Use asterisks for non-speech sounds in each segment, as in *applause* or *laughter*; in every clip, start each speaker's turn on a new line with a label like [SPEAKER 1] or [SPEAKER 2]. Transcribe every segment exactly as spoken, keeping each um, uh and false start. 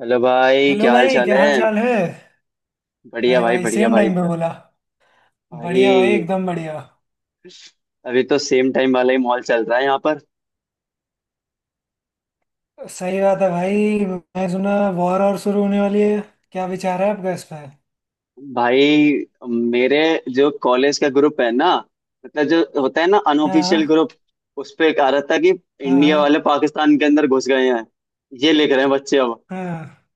[SPEAKER 1] Hello भाई,
[SPEAKER 2] hello
[SPEAKER 1] क्या हाल
[SPEAKER 2] भाई,
[SPEAKER 1] चाल
[SPEAKER 2] क्या
[SPEAKER 1] है।
[SPEAKER 2] हाल चाल है।
[SPEAKER 1] बढ़िया
[SPEAKER 2] अरे
[SPEAKER 1] भाई,
[SPEAKER 2] भाई,
[SPEAKER 1] बढ़िया
[SPEAKER 2] सेम
[SPEAKER 1] भाई
[SPEAKER 2] टाइम पे
[SPEAKER 1] एकदम।
[SPEAKER 2] बोला। बढ़िया भाई,
[SPEAKER 1] भाई,
[SPEAKER 2] एकदम बढ़िया।
[SPEAKER 1] अभी तो सेम टाइम वाला ही मॉल चल रहा है यहाँ पर।
[SPEAKER 2] सही बात है भाई, मैं सुना वॉर और शुरू होने वाली है। क्या विचार है आपका इस पर।
[SPEAKER 1] भाई मेरे जो कॉलेज का ग्रुप है ना, मतलब जो होता है ना अनऑफिशियल
[SPEAKER 2] हाँ।
[SPEAKER 1] ग्रुप, उस पे एक आ रहा था कि
[SPEAKER 2] हाँ।
[SPEAKER 1] इंडिया वाले
[SPEAKER 2] हाँ।
[SPEAKER 1] पाकिस्तान के अंदर घुस गए हैं। ये लिख रहे हैं बच्चे अब
[SPEAKER 2] हाँ।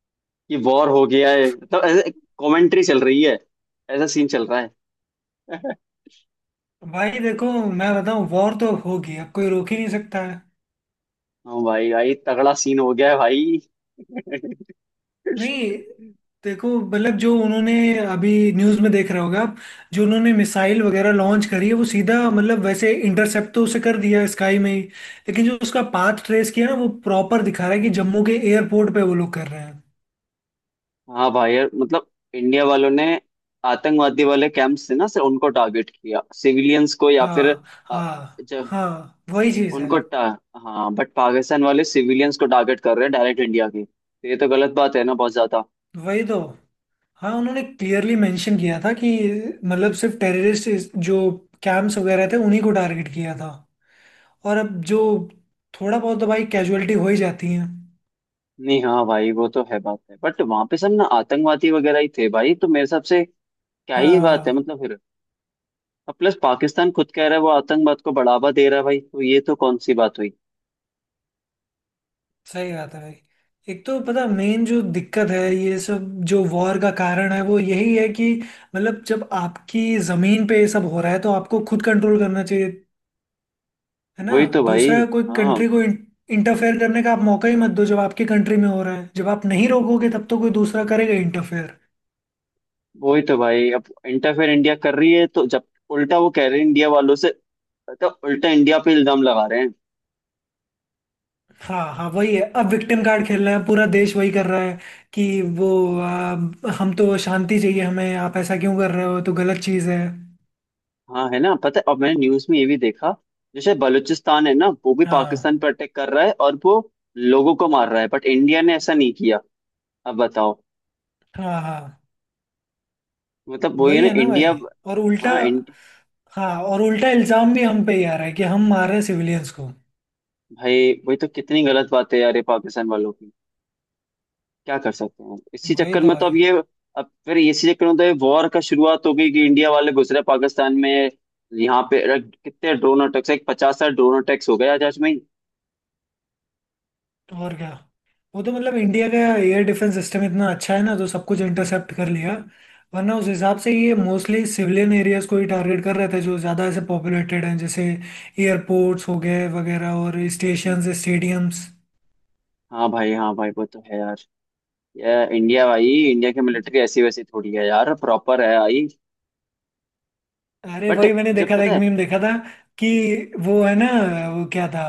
[SPEAKER 1] कि वॉर हो गया है, मतलब ऐसे कमेंट्री चल रही है, ऐसा सीन चल रहा है। *laughs*
[SPEAKER 2] भाई देखो, मैं बताऊँ वॉर तो होगी, अब कोई रोक ही नहीं सकता है।
[SPEAKER 1] हाँ भाई भाई, तगड़ा सीन हो गया है भाई। *laughs*
[SPEAKER 2] नहीं, देखो, मतलब जो उन्होंने, अभी न्यूज में देख रहे होगा आप, जो उन्होंने मिसाइल वगैरह लॉन्च करी है वो सीधा मतलब वैसे इंटरसेप्ट तो उसे कर दिया स्काई में ही, लेकिन जो उसका पाथ ट्रेस किया ना वो प्रॉपर दिखा रहा है कि जम्मू के एयरपोर्ट पे वो लोग कर रहे हैं।
[SPEAKER 1] हाँ भाई यार, मतलब इंडिया वालों ने आतंकवादी वाले कैंप्स थे ना से उनको टारगेट किया, सिविलियंस को या फिर
[SPEAKER 2] हाँ
[SPEAKER 1] अ,
[SPEAKER 2] हाँ,
[SPEAKER 1] जब
[SPEAKER 2] हाँ वही चीज है।
[SPEAKER 1] उनको टा, हाँ बट पाकिस्तान वाले सिविलियंस को टारगेट कर रहे हैं डायरेक्ट इंडिया की, तो ये तो गलत बात है ना बहुत ज्यादा।
[SPEAKER 2] वही तो। हाँ, उन्होंने क्लियरली मेंशन किया था कि मतलब सिर्फ टेररिस्ट जो कैंप्स वगैरह थे उन्हीं को टारगेट किया था। और अब जो, थोड़ा बहुत तो भाई कैजुअलिटी हो ही जाती है।
[SPEAKER 1] नहीं, हाँ भाई वो तो है बात है बट वहां पे सब ना आतंकवादी वगैरह ही थे भाई, तो मेरे हिसाब से क्या ही बात है
[SPEAKER 2] हाँ,
[SPEAKER 1] मतलब फिर। अब प्लस पाकिस्तान खुद कह रहा है वो आतंकवाद को बढ़ावा दे रहा है भाई, तो ये तो कौन सी बात हुई।
[SPEAKER 2] सही बात है भाई। एक तो पता, मेन जो दिक्कत है ये सब, जो वॉर का कारण है वो यही है कि मतलब जब आपकी जमीन पे ये सब हो रहा है तो आपको खुद कंट्रोल करना चाहिए, है ना।
[SPEAKER 1] वही तो भाई।
[SPEAKER 2] दूसरा कोई
[SPEAKER 1] हाँ
[SPEAKER 2] कंट्री को इंटरफेयर करने का आप मौका ही मत दो। जब आपकी कंट्री में हो रहा है, जब आप नहीं रोकोगे तब तो कोई दूसरा करेगा इंटरफेयर।
[SPEAKER 1] वही तो भाई, अब इंटरफेयर इंडिया कर रही है तो जब उल्टा वो कह रहे हैं इंडिया वालों से, मतलब उल्टा इंडिया पे इल्जाम लगा रहे हैं।
[SPEAKER 2] हाँ हाँ, वही है, अब विक्टिम कार्ड खेल रहे हैं, पूरा देश वही कर रहा है कि वो आ, हम तो शांति चाहिए हमें, आप ऐसा क्यों कर रहे हो, तो गलत चीज़ है।
[SPEAKER 1] हाँ है ना, पता है अब मैंने न्यूज में ये भी देखा, जैसे बलूचिस्तान है ना वो भी
[SPEAKER 2] हाँ
[SPEAKER 1] पाकिस्तान पर अटैक कर रहा है और वो लोगों को मार रहा है, बट इंडिया ने ऐसा नहीं किया। अब बताओ,
[SPEAKER 2] हाँ, हाँ
[SPEAKER 1] मतलब वही है
[SPEAKER 2] वही
[SPEAKER 1] ना
[SPEAKER 2] है ना
[SPEAKER 1] इंडिया।
[SPEAKER 2] भाई और उल्टा।
[SPEAKER 1] हाँ इंड...
[SPEAKER 2] हाँ और उल्टा इल्जाम भी हम पे ही आ रहा है कि हम मार रहे हैं सिविलियंस को।
[SPEAKER 1] भाई वही तो, कितनी गलत बात है यार ये पाकिस्तान वालों, क्या कर सकते हैं इसी
[SPEAKER 2] वही
[SPEAKER 1] चक्कर
[SPEAKER 2] तो
[SPEAKER 1] में तो
[SPEAKER 2] भाई।
[SPEAKER 1] अब ये, अब फिर इसी चक्कर में तो ये वॉर का शुरुआत हो गई कि इंडिया वाले घुस रहे पाकिस्तान में। यहाँ पे रख- कितने ड्रोन अटैक्स, एक पचास साठ ड्रोन अटैक्स हो गए आज, आज में ही।
[SPEAKER 2] और क्या। वो तो मतलब इंडिया का एयर डिफेंस सिस्टम इतना अच्छा है ना, तो सब कुछ इंटरसेप्ट कर लिया। वरना उस हिसाब से ये मोस्टली सिविलियन एरियाज को ही टारगेट कर रहे थे, जो ज़्यादा ऐसे पॉपुलेटेड हैं, जैसे एयरपोर्ट्स हो गए वगैरह और स्टेशंस, स्टेडियम्स।
[SPEAKER 1] हाँ भाई हाँ भाई वो तो है यार, ये इंडिया भाई, इंडिया की मिलिट्री ऐसी वैसी थोड़ी है यार, प्रॉपर है आई।
[SPEAKER 2] अरे
[SPEAKER 1] बट
[SPEAKER 2] वही, मैंने
[SPEAKER 1] जब
[SPEAKER 2] देखा था,
[SPEAKER 1] पता
[SPEAKER 2] एक
[SPEAKER 1] है।
[SPEAKER 2] मीम देखा था कि वो है ना, वो क्या था,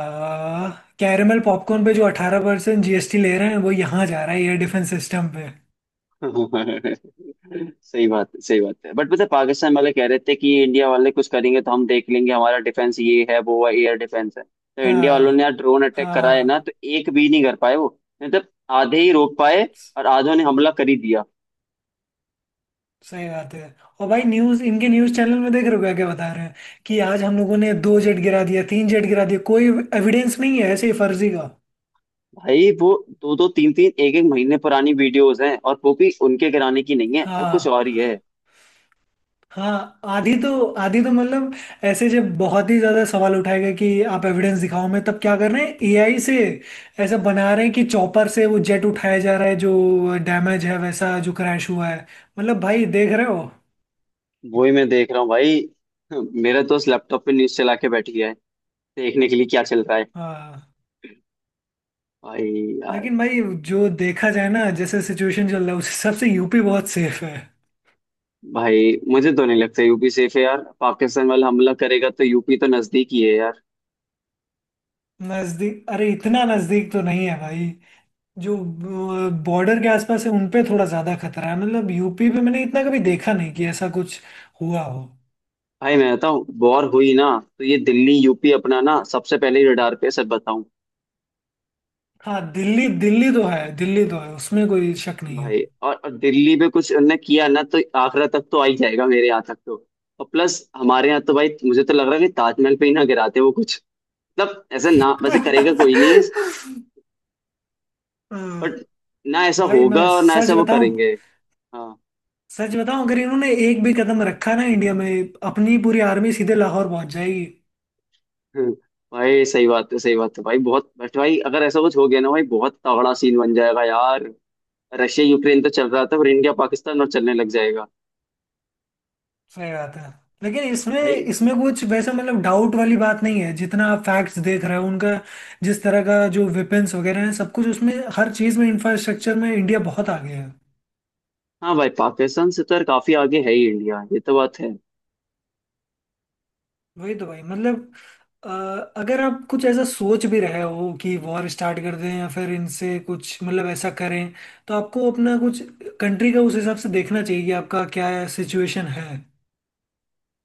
[SPEAKER 2] कैरमल पॉपकॉर्न पे जो अठारह परसेंट जी एस टी ले रहे हैं, वो यहाँ जा रहा है एयर डिफेंस सिस्टम पे।
[SPEAKER 1] *laughs* सही बात है सही बात है, बट पता है, पाकिस्तान वाले कह रहे थे कि इंडिया वाले कुछ करेंगे तो हम देख लेंगे, हमारा डिफेंस ये है वो है एयर डिफेंस है, तो इंडिया
[SPEAKER 2] हाँ।
[SPEAKER 1] वालों ने यार ड्रोन अटैक
[SPEAKER 2] हाँ।
[SPEAKER 1] करा है ना,
[SPEAKER 2] हाँ।
[SPEAKER 1] तो एक भी नहीं कर पाए वो, मतलब आधे ही रोक पाए
[SPEAKER 2] स-
[SPEAKER 1] और आधों ने हमला कर ही दिया।
[SPEAKER 2] सही बात है। और भाई न्यूज, इनके न्यूज चैनल में देख रहे हो क्या क्या बता रहे हैं, कि आज हम लोगों ने दो जेट गिरा दिया, तीन जेट गिरा दिया, कोई एविडेंस नहीं है, ऐसे ही फर्जी का।
[SPEAKER 1] भाई वो दो दो तीन तीन एक एक महीने पुरानी वीडियोस हैं और वो भी उनके गिराने की नहीं है, वो कुछ
[SPEAKER 2] हाँ।
[SPEAKER 1] और ही है।
[SPEAKER 2] हाँ, आधी तो, आधी तो मतलब, ऐसे जब बहुत ही ज्यादा सवाल उठाए गए कि आप एविडेंस दिखाओ, मैं तब क्या कर रहे हैं, ए आई से ऐसा बना रहे हैं कि चॉपर से वो जेट उठाया जा रहा है जो डैमेज है, वैसा जो क्रैश हुआ है। मतलब भाई देख रहे हो।
[SPEAKER 1] वो ही मैं देख रहा हूँ भाई। *laughs* मेरा दोस्त लैपटॉप पे न्यूज चला के बैठ गया है देखने के लिए क्या चल रहा है।
[SPEAKER 2] हाँ,
[SPEAKER 1] भाई।
[SPEAKER 2] लेकिन भाई, जो देखा जाए ना, जैसे सिचुएशन चल रहा है उस हिसाब से यू पी बहुत सेफ है।
[SPEAKER 1] भाई मुझे तो नहीं लगता यूपी सेफ है यार, पाकिस्तान वाला हमला करेगा तो यूपी तो नजदीक ही है यार।
[SPEAKER 2] नजदीक, अरे इतना नजदीक तो नहीं है भाई। जो बॉर्डर के आसपास है उनपे थोड़ा ज्यादा खतरा है, मतलब यू पी पे मैंने इतना कभी देखा नहीं कि ऐसा कुछ हुआ हो।
[SPEAKER 1] भाई मैं बताऊँ, वॉर हुई ना तो ये दिल्ली यूपी अपना ना सबसे पहले रडार पे है, सच बताऊं।
[SPEAKER 2] हाँ, दिल्ली, दिल्ली तो है, दिल्ली तो है, उसमें कोई शक नहीं है।
[SPEAKER 1] भाई और, और दिल्ली पे कुछ उनने किया ना तो आगरा तक तो आ ही जाएगा, मेरे यहाँ तक तो। और प्लस हमारे यहाँ तो भाई मुझे तो लग रहा है कि ताजमहल पे ही ना गिराते वो कुछ, मतलब ऐसा ना वैसे करेगा कोई,
[SPEAKER 2] *laughs*
[SPEAKER 1] नहीं है, बट
[SPEAKER 2] हाँ,
[SPEAKER 1] ना ऐसा
[SPEAKER 2] भाई
[SPEAKER 1] होगा
[SPEAKER 2] मैं
[SPEAKER 1] और ना
[SPEAKER 2] सच
[SPEAKER 1] ऐसा वो
[SPEAKER 2] बताऊं।
[SPEAKER 1] करेंगे। हाँ।
[SPEAKER 2] सच बताऊं, अगर इन्होंने एक भी कदम रखा ना इंडिया में, अपनी पूरी आर्मी सीधे लाहौर पहुंच जाएगी।
[SPEAKER 1] हम्म, भाई सही बात है सही बात है भाई बहुत, बट भाई अगर ऐसा कुछ हो गया ना भाई बहुत तगड़ा सीन बन जाएगा यार। रशिया यूक्रेन तो चल रहा था पर इंडिया पाकिस्तान और चलने लग जाएगा।
[SPEAKER 2] सही बात है। लेकिन इसमें
[SPEAKER 1] भाई।
[SPEAKER 2] इसमें कुछ वैसा मतलब डाउट वाली बात नहीं है, जितना आप फैक्ट्स देख रहे हो उनका, जिस तरह का जो वेपन्स वगैरह है सब कुछ उसमें, हर चीज़ में, इंफ्रास्ट्रक्चर में इंडिया बहुत आगे है।
[SPEAKER 1] हाँ भाई पाकिस्तान से तो यार काफी आगे है ही इंडिया, ये तो बात है।
[SPEAKER 2] वही तो भाई, मतलब अ, अगर आप कुछ ऐसा सोच भी रहे हो कि वॉर स्टार्ट कर दें या फिर इनसे कुछ मतलब ऐसा करें, तो आपको अपना कुछ, कंट्री का, उस हिसाब से देखना चाहिए कि आपका क्या सिचुएशन है।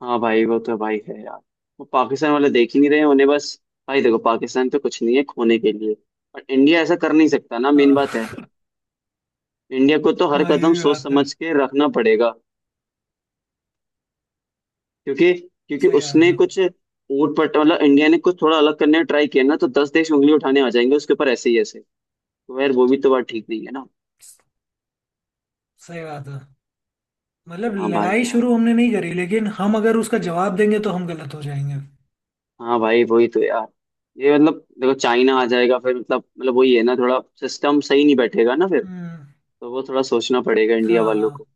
[SPEAKER 1] हाँ भाई वो तो भाई है यार, वो पाकिस्तान वाले देख ही नहीं रहे हैं, उन्हें बस। भाई देखो पाकिस्तान तो कुछ नहीं है खोने के लिए, पर इंडिया ऐसा कर नहीं सकता ना, मेन बात है।
[SPEAKER 2] हाँ। *laughs*
[SPEAKER 1] इंडिया को तो हर
[SPEAKER 2] हाँ, ये
[SPEAKER 1] कदम
[SPEAKER 2] भी
[SPEAKER 1] सोच
[SPEAKER 2] बात है।
[SPEAKER 1] समझ के रखना पड़ेगा। क्योंकि क्योंकि
[SPEAKER 2] सही बात
[SPEAKER 1] उसने
[SPEAKER 2] है।
[SPEAKER 1] कुछ ऊट पट, मतलब इंडिया ने कुछ थोड़ा अलग करने का ट्राई किया ना तो दस देश उंगली उठाने आ जाएंगे उसके ऊपर, ऐसे ही ऐसे। तो यार वो भी तो बात ठीक नहीं है ना।
[SPEAKER 2] सही बात है, मतलब
[SPEAKER 1] हाँ भाई
[SPEAKER 2] लड़ाई
[SPEAKER 1] यार।
[SPEAKER 2] शुरू हमने नहीं करी, लेकिन हम अगर उसका जवाब देंगे तो हम गलत हो जाएंगे।
[SPEAKER 1] हाँ भाई वही तो यार, ये मतलब देखो चाइना आ जाएगा फिर, मतलब मतलब वही है ना, थोड़ा सिस्टम सही नहीं बैठेगा ना फिर।
[SPEAKER 2] हम्म।
[SPEAKER 1] तो वो थोड़ा सोचना पड़ेगा इंडिया
[SPEAKER 2] हाँ
[SPEAKER 1] वालों
[SPEAKER 2] हाँ।
[SPEAKER 1] को।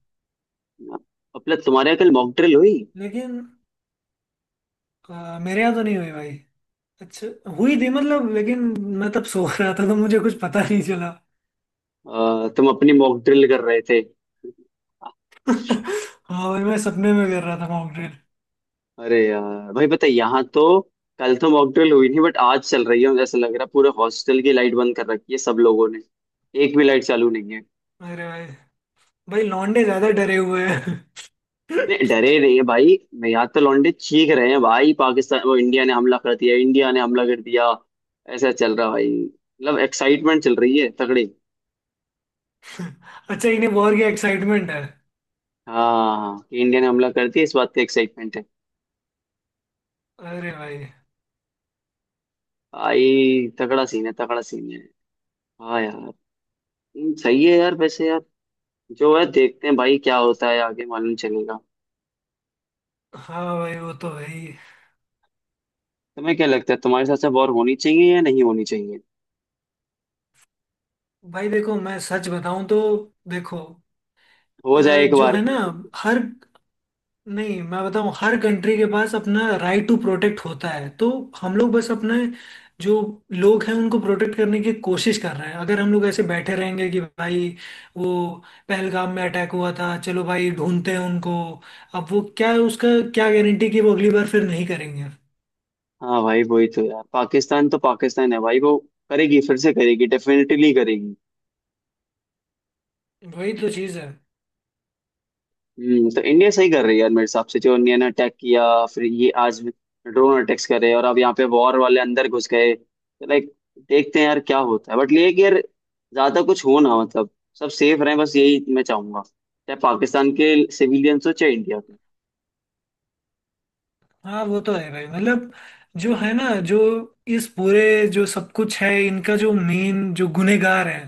[SPEAKER 1] अपना तुम्हारे यहाँ कल मॉक ड्रिल हुई?
[SPEAKER 2] लेकिन अ, मेरे यहाँ तो नहीं हुई भाई। अच्छा, हुई थी मतलब, लेकिन मैं तब सो रहा था तो मुझे कुछ पता नहीं चला।
[SPEAKER 1] अ, तुम अपनी मॉक ड्रिल कर रहे थे।
[SPEAKER 2] *laughs* हाँ भाई, मैं सपने में कर रहा था मॉकड्रिल।
[SPEAKER 1] अरे यार भाई, पता है यहाँ तो कल तो मॉकड्रिल हुई नहीं बट आज चल रही है मुझे ऐसा लग रहा है, पूरे हॉस्टल की लाइट बंद कर रखी है सब लोगों ने। एक भी लाइट चालू नहीं है।
[SPEAKER 2] अरे भाई, भाई लौंडे ज्यादा डरे हुए हैं। *laughs*
[SPEAKER 1] नहीं, डरे नहीं है भाई मैं, यहाँ तो लौंडे चीख रहे हैं भाई, पाकिस्तान वो, इंडिया ने हमला कर दिया, इंडिया ने हमला कर दिया। ऐसा चल रहा है भाई, मतलब एक्साइटमेंट चल रही है तगड़ी।
[SPEAKER 2] अच्छा, इन्हें वॉर की एक्साइटमेंट है।
[SPEAKER 1] हाँ, कि इंडिया ने हमला कर दिया, इस बात का एक्साइटमेंट है।
[SPEAKER 2] अरे भाई।
[SPEAKER 1] भाई तगड़ा सीन है तगड़ा सीन है। हाँ यार। हम्म, सही है यार वैसे यार, जो है देखते हैं भाई क्या होता है आगे मालूम चलेगा।
[SPEAKER 2] हाँ भाई, वो तो है ही।
[SPEAKER 1] तुम्हें क्या लगता है, तुम्हारे साथ से वॉर होनी चाहिए या नहीं होनी चाहिए?
[SPEAKER 2] भाई देखो, मैं सच बताऊं तो, देखो
[SPEAKER 1] हो
[SPEAKER 2] अ,
[SPEAKER 1] जाए एक
[SPEAKER 2] जो
[SPEAKER 1] बार।
[SPEAKER 2] है ना, हर, नहीं मैं बताऊं, हर कंट्री के पास अपना राइट टू प्रोटेक्ट होता है, तो हम लोग बस अपने जो लोग हैं उनको प्रोटेक्ट करने की कोशिश कर रहे हैं। अगर हम लोग ऐसे बैठे रहेंगे कि भाई वो पहलगाम में अटैक हुआ था, चलो भाई ढूंढते हैं उनको, अब वो क्या उसका, क्या गारंटी कि वो अगली बार फिर नहीं करेंगे।
[SPEAKER 1] हाँ भाई वही तो यार, पाकिस्तान तो पाकिस्तान है भाई, वो करेगी फिर से करेगी, डेफिनेटली करेगी।
[SPEAKER 2] वही तो चीज़ है।
[SPEAKER 1] हम्म, तो इंडिया सही कर रही है यार मेरे हिसाब से, जो इंडिया ने अटैक किया। फिर ये आज ड्रोन अटैक्स करे और अब यहाँ पे वॉर वाले अंदर घुस गए, तो लाइक देखते हैं यार क्या होता है। बट ये है कि यार ज्यादा कुछ हो ना, मतलब सब सेफ रहें, बस यही मैं चाहूंगा, चाहे पाकिस्तान के सिविलियंस हो चाहे इंडिया के।
[SPEAKER 2] हाँ, वो तो है भाई, मतलब जो है ना, जो इस पूरे जो सब कुछ है, इनका जो मेन जो गुनेगार है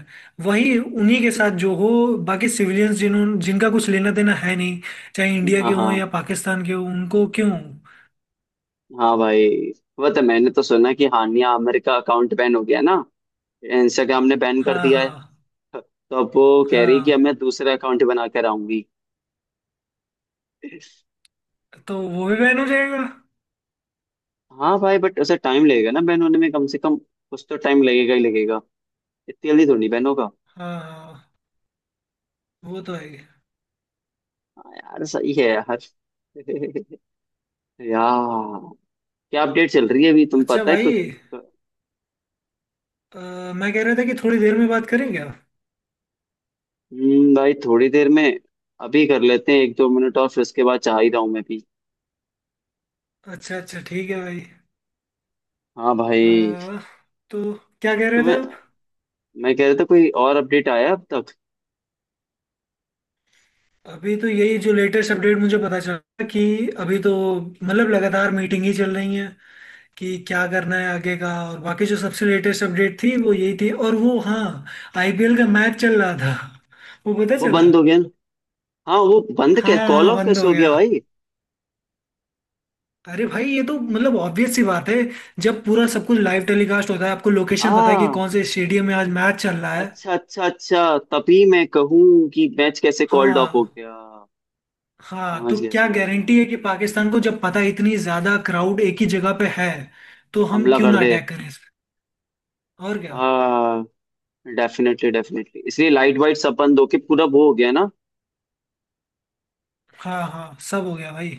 [SPEAKER 2] वही उन्हीं के साथ जो हो, बाकी सिविलियंस जिन्होंने, जिनका कुछ लेना देना है नहीं, चाहे इंडिया
[SPEAKER 1] हाँ,
[SPEAKER 2] के
[SPEAKER 1] हाँ।
[SPEAKER 2] हों या पाकिस्तान के हों, उनको क्यों।
[SPEAKER 1] हाँ भाई, वो तो मैंने तो सुना कि हानिया आमिर का अकाउंट बैन हो गया ना, इंस्टाग्राम ने बैन कर
[SPEAKER 2] हाँ
[SPEAKER 1] दिया है।
[SPEAKER 2] हाँ।
[SPEAKER 1] तो अब वो कह रही कि अब
[SPEAKER 2] हाँ
[SPEAKER 1] मैं दूसरा अकाउंट बना कर आऊंगी।
[SPEAKER 2] तो वो भी बैन हो जाएगा।
[SPEAKER 1] हाँ भाई बट उसे टाइम लगेगा ना बैन होने में, कम से कम कुछ तो टाइम लगेगा ही लगेगा। इतनी जल्दी तो नहीं बैन होगा।
[SPEAKER 2] हाँ हाँ, वो तो है ही।
[SPEAKER 1] हाँ यार सही है यार। *laughs* यार क्या अपडेट चल रही है अभी तुम,
[SPEAKER 2] अच्छा
[SPEAKER 1] पता है
[SPEAKER 2] भाई,
[SPEAKER 1] कुछ?
[SPEAKER 2] अ, मैं कह रहा था कि थोड़ी देर में बात करें क्या।
[SPEAKER 1] हम्म भाई, थोड़ी देर में। अभी कर लेते हैं एक दो मिनट और फिर उसके बाद, चाह ही रहा हूँ मैं भी।
[SPEAKER 2] अच्छा अच्छा, ठीक है भाई।
[SPEAKER 1] हाँ
[SPEAKER 2] अ,
[SPEAKER 1] भाई।
[SPEAKER 2] तो क्या कह रहे
[SPEAKER 1] तुम्हें,
[SPEAKER 2] थे।
[SPEAKER 1] मैं कह रहा था कोई और अपडेट आया अब तक?
[SPEAKER 2] अभी तो यही जो लेटेस्ट अपडेट मुझे पता चला कि अभी तो मतलब लगातार मीटिंग ही चल रही है कि क्या करना है आगे का, और बाकी जो सबसे लेटेस्ट अपडेट थी वो यही थी, और वो हाँ, आई पी एल का मैच चल रहा था वो पता
[SPEAKER 1] वो
[SPEAKER 2] चला।
[SPEAKER 1] बंद हो गया ना। हाँ वो बंद
[SPEAKER 2] हाँ
[SPEAKER 1] कै कॉल
[SPEAKER 2] हाँ,
[SPEAKER 1] ऑफ
[SPEAKER 2] बंद
[SPEAKER 1] कैसे
[SPEAKER 2] हो
[SPEAKER 1] हो
[SPEAKER 2] गया।
[SPEAKER 1] गया भाई?
[SPEAKER 2] अरे भाई, ये तो मतलब ऑब्वियस सी बात है, जब पूरा सब कुछ लाइव टेलीकास्ट होता है, आपको लोकेशन पता है कि
[SPEAKER 1] आ
[SPEAKER 2] कौन से स्टेडियम में आज मैच चल रहा है।
[SPEAKER 1] अच्छा अच्छा अच्छा, तभी मैं कहूँ कि मैच कैसे कॉल्ड ऑफ हो
[SPEAKER 2] हाँ।
[SPEAKER 1] गया।
[SPEAKER 2] हाँ,
[SPEAKER 1] समझ
[SPEAKER 2] तो
[SPEAKER 1] गया
[SPEAKER 2] क्या
[SPEAKER 1] समझ गया।
[SPEAKER 2] गारंटी है कि पाकिस्तान को, जब पता है इतनी ज्यादा क्राउड एक ही जगह पे है, तो हम
[SPEAKER 1] हमला
[SPEAKER 2] क्यों
[SPEAKER 1] कर
[SPEAKER 2] ना
[SPEAKER 1] दे।
[SPEAKER 2] अटैक करें इस पे? और क्या।
[SPEAKER 1] आ डेफिनेटली डेफिनेटली, इसलिए लाइट वाइट सब बंद होके पूरा वो हो गया ना।
[SPEAKER 2] हाँ हाँ, सब हो गया भाई।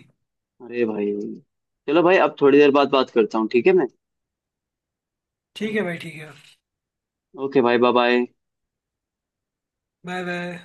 [SPEAKER 1] अरे भाई, चलो भाई अब थोड़ी देर बाद बात करता हूँ, ठीक है मैं।
[SPEAKER 2] ठीक है भाई, ठीक है।
[SPEAKER 1] ओके भाई, बाय बाय।
[SPEAKER 2] Bye bye.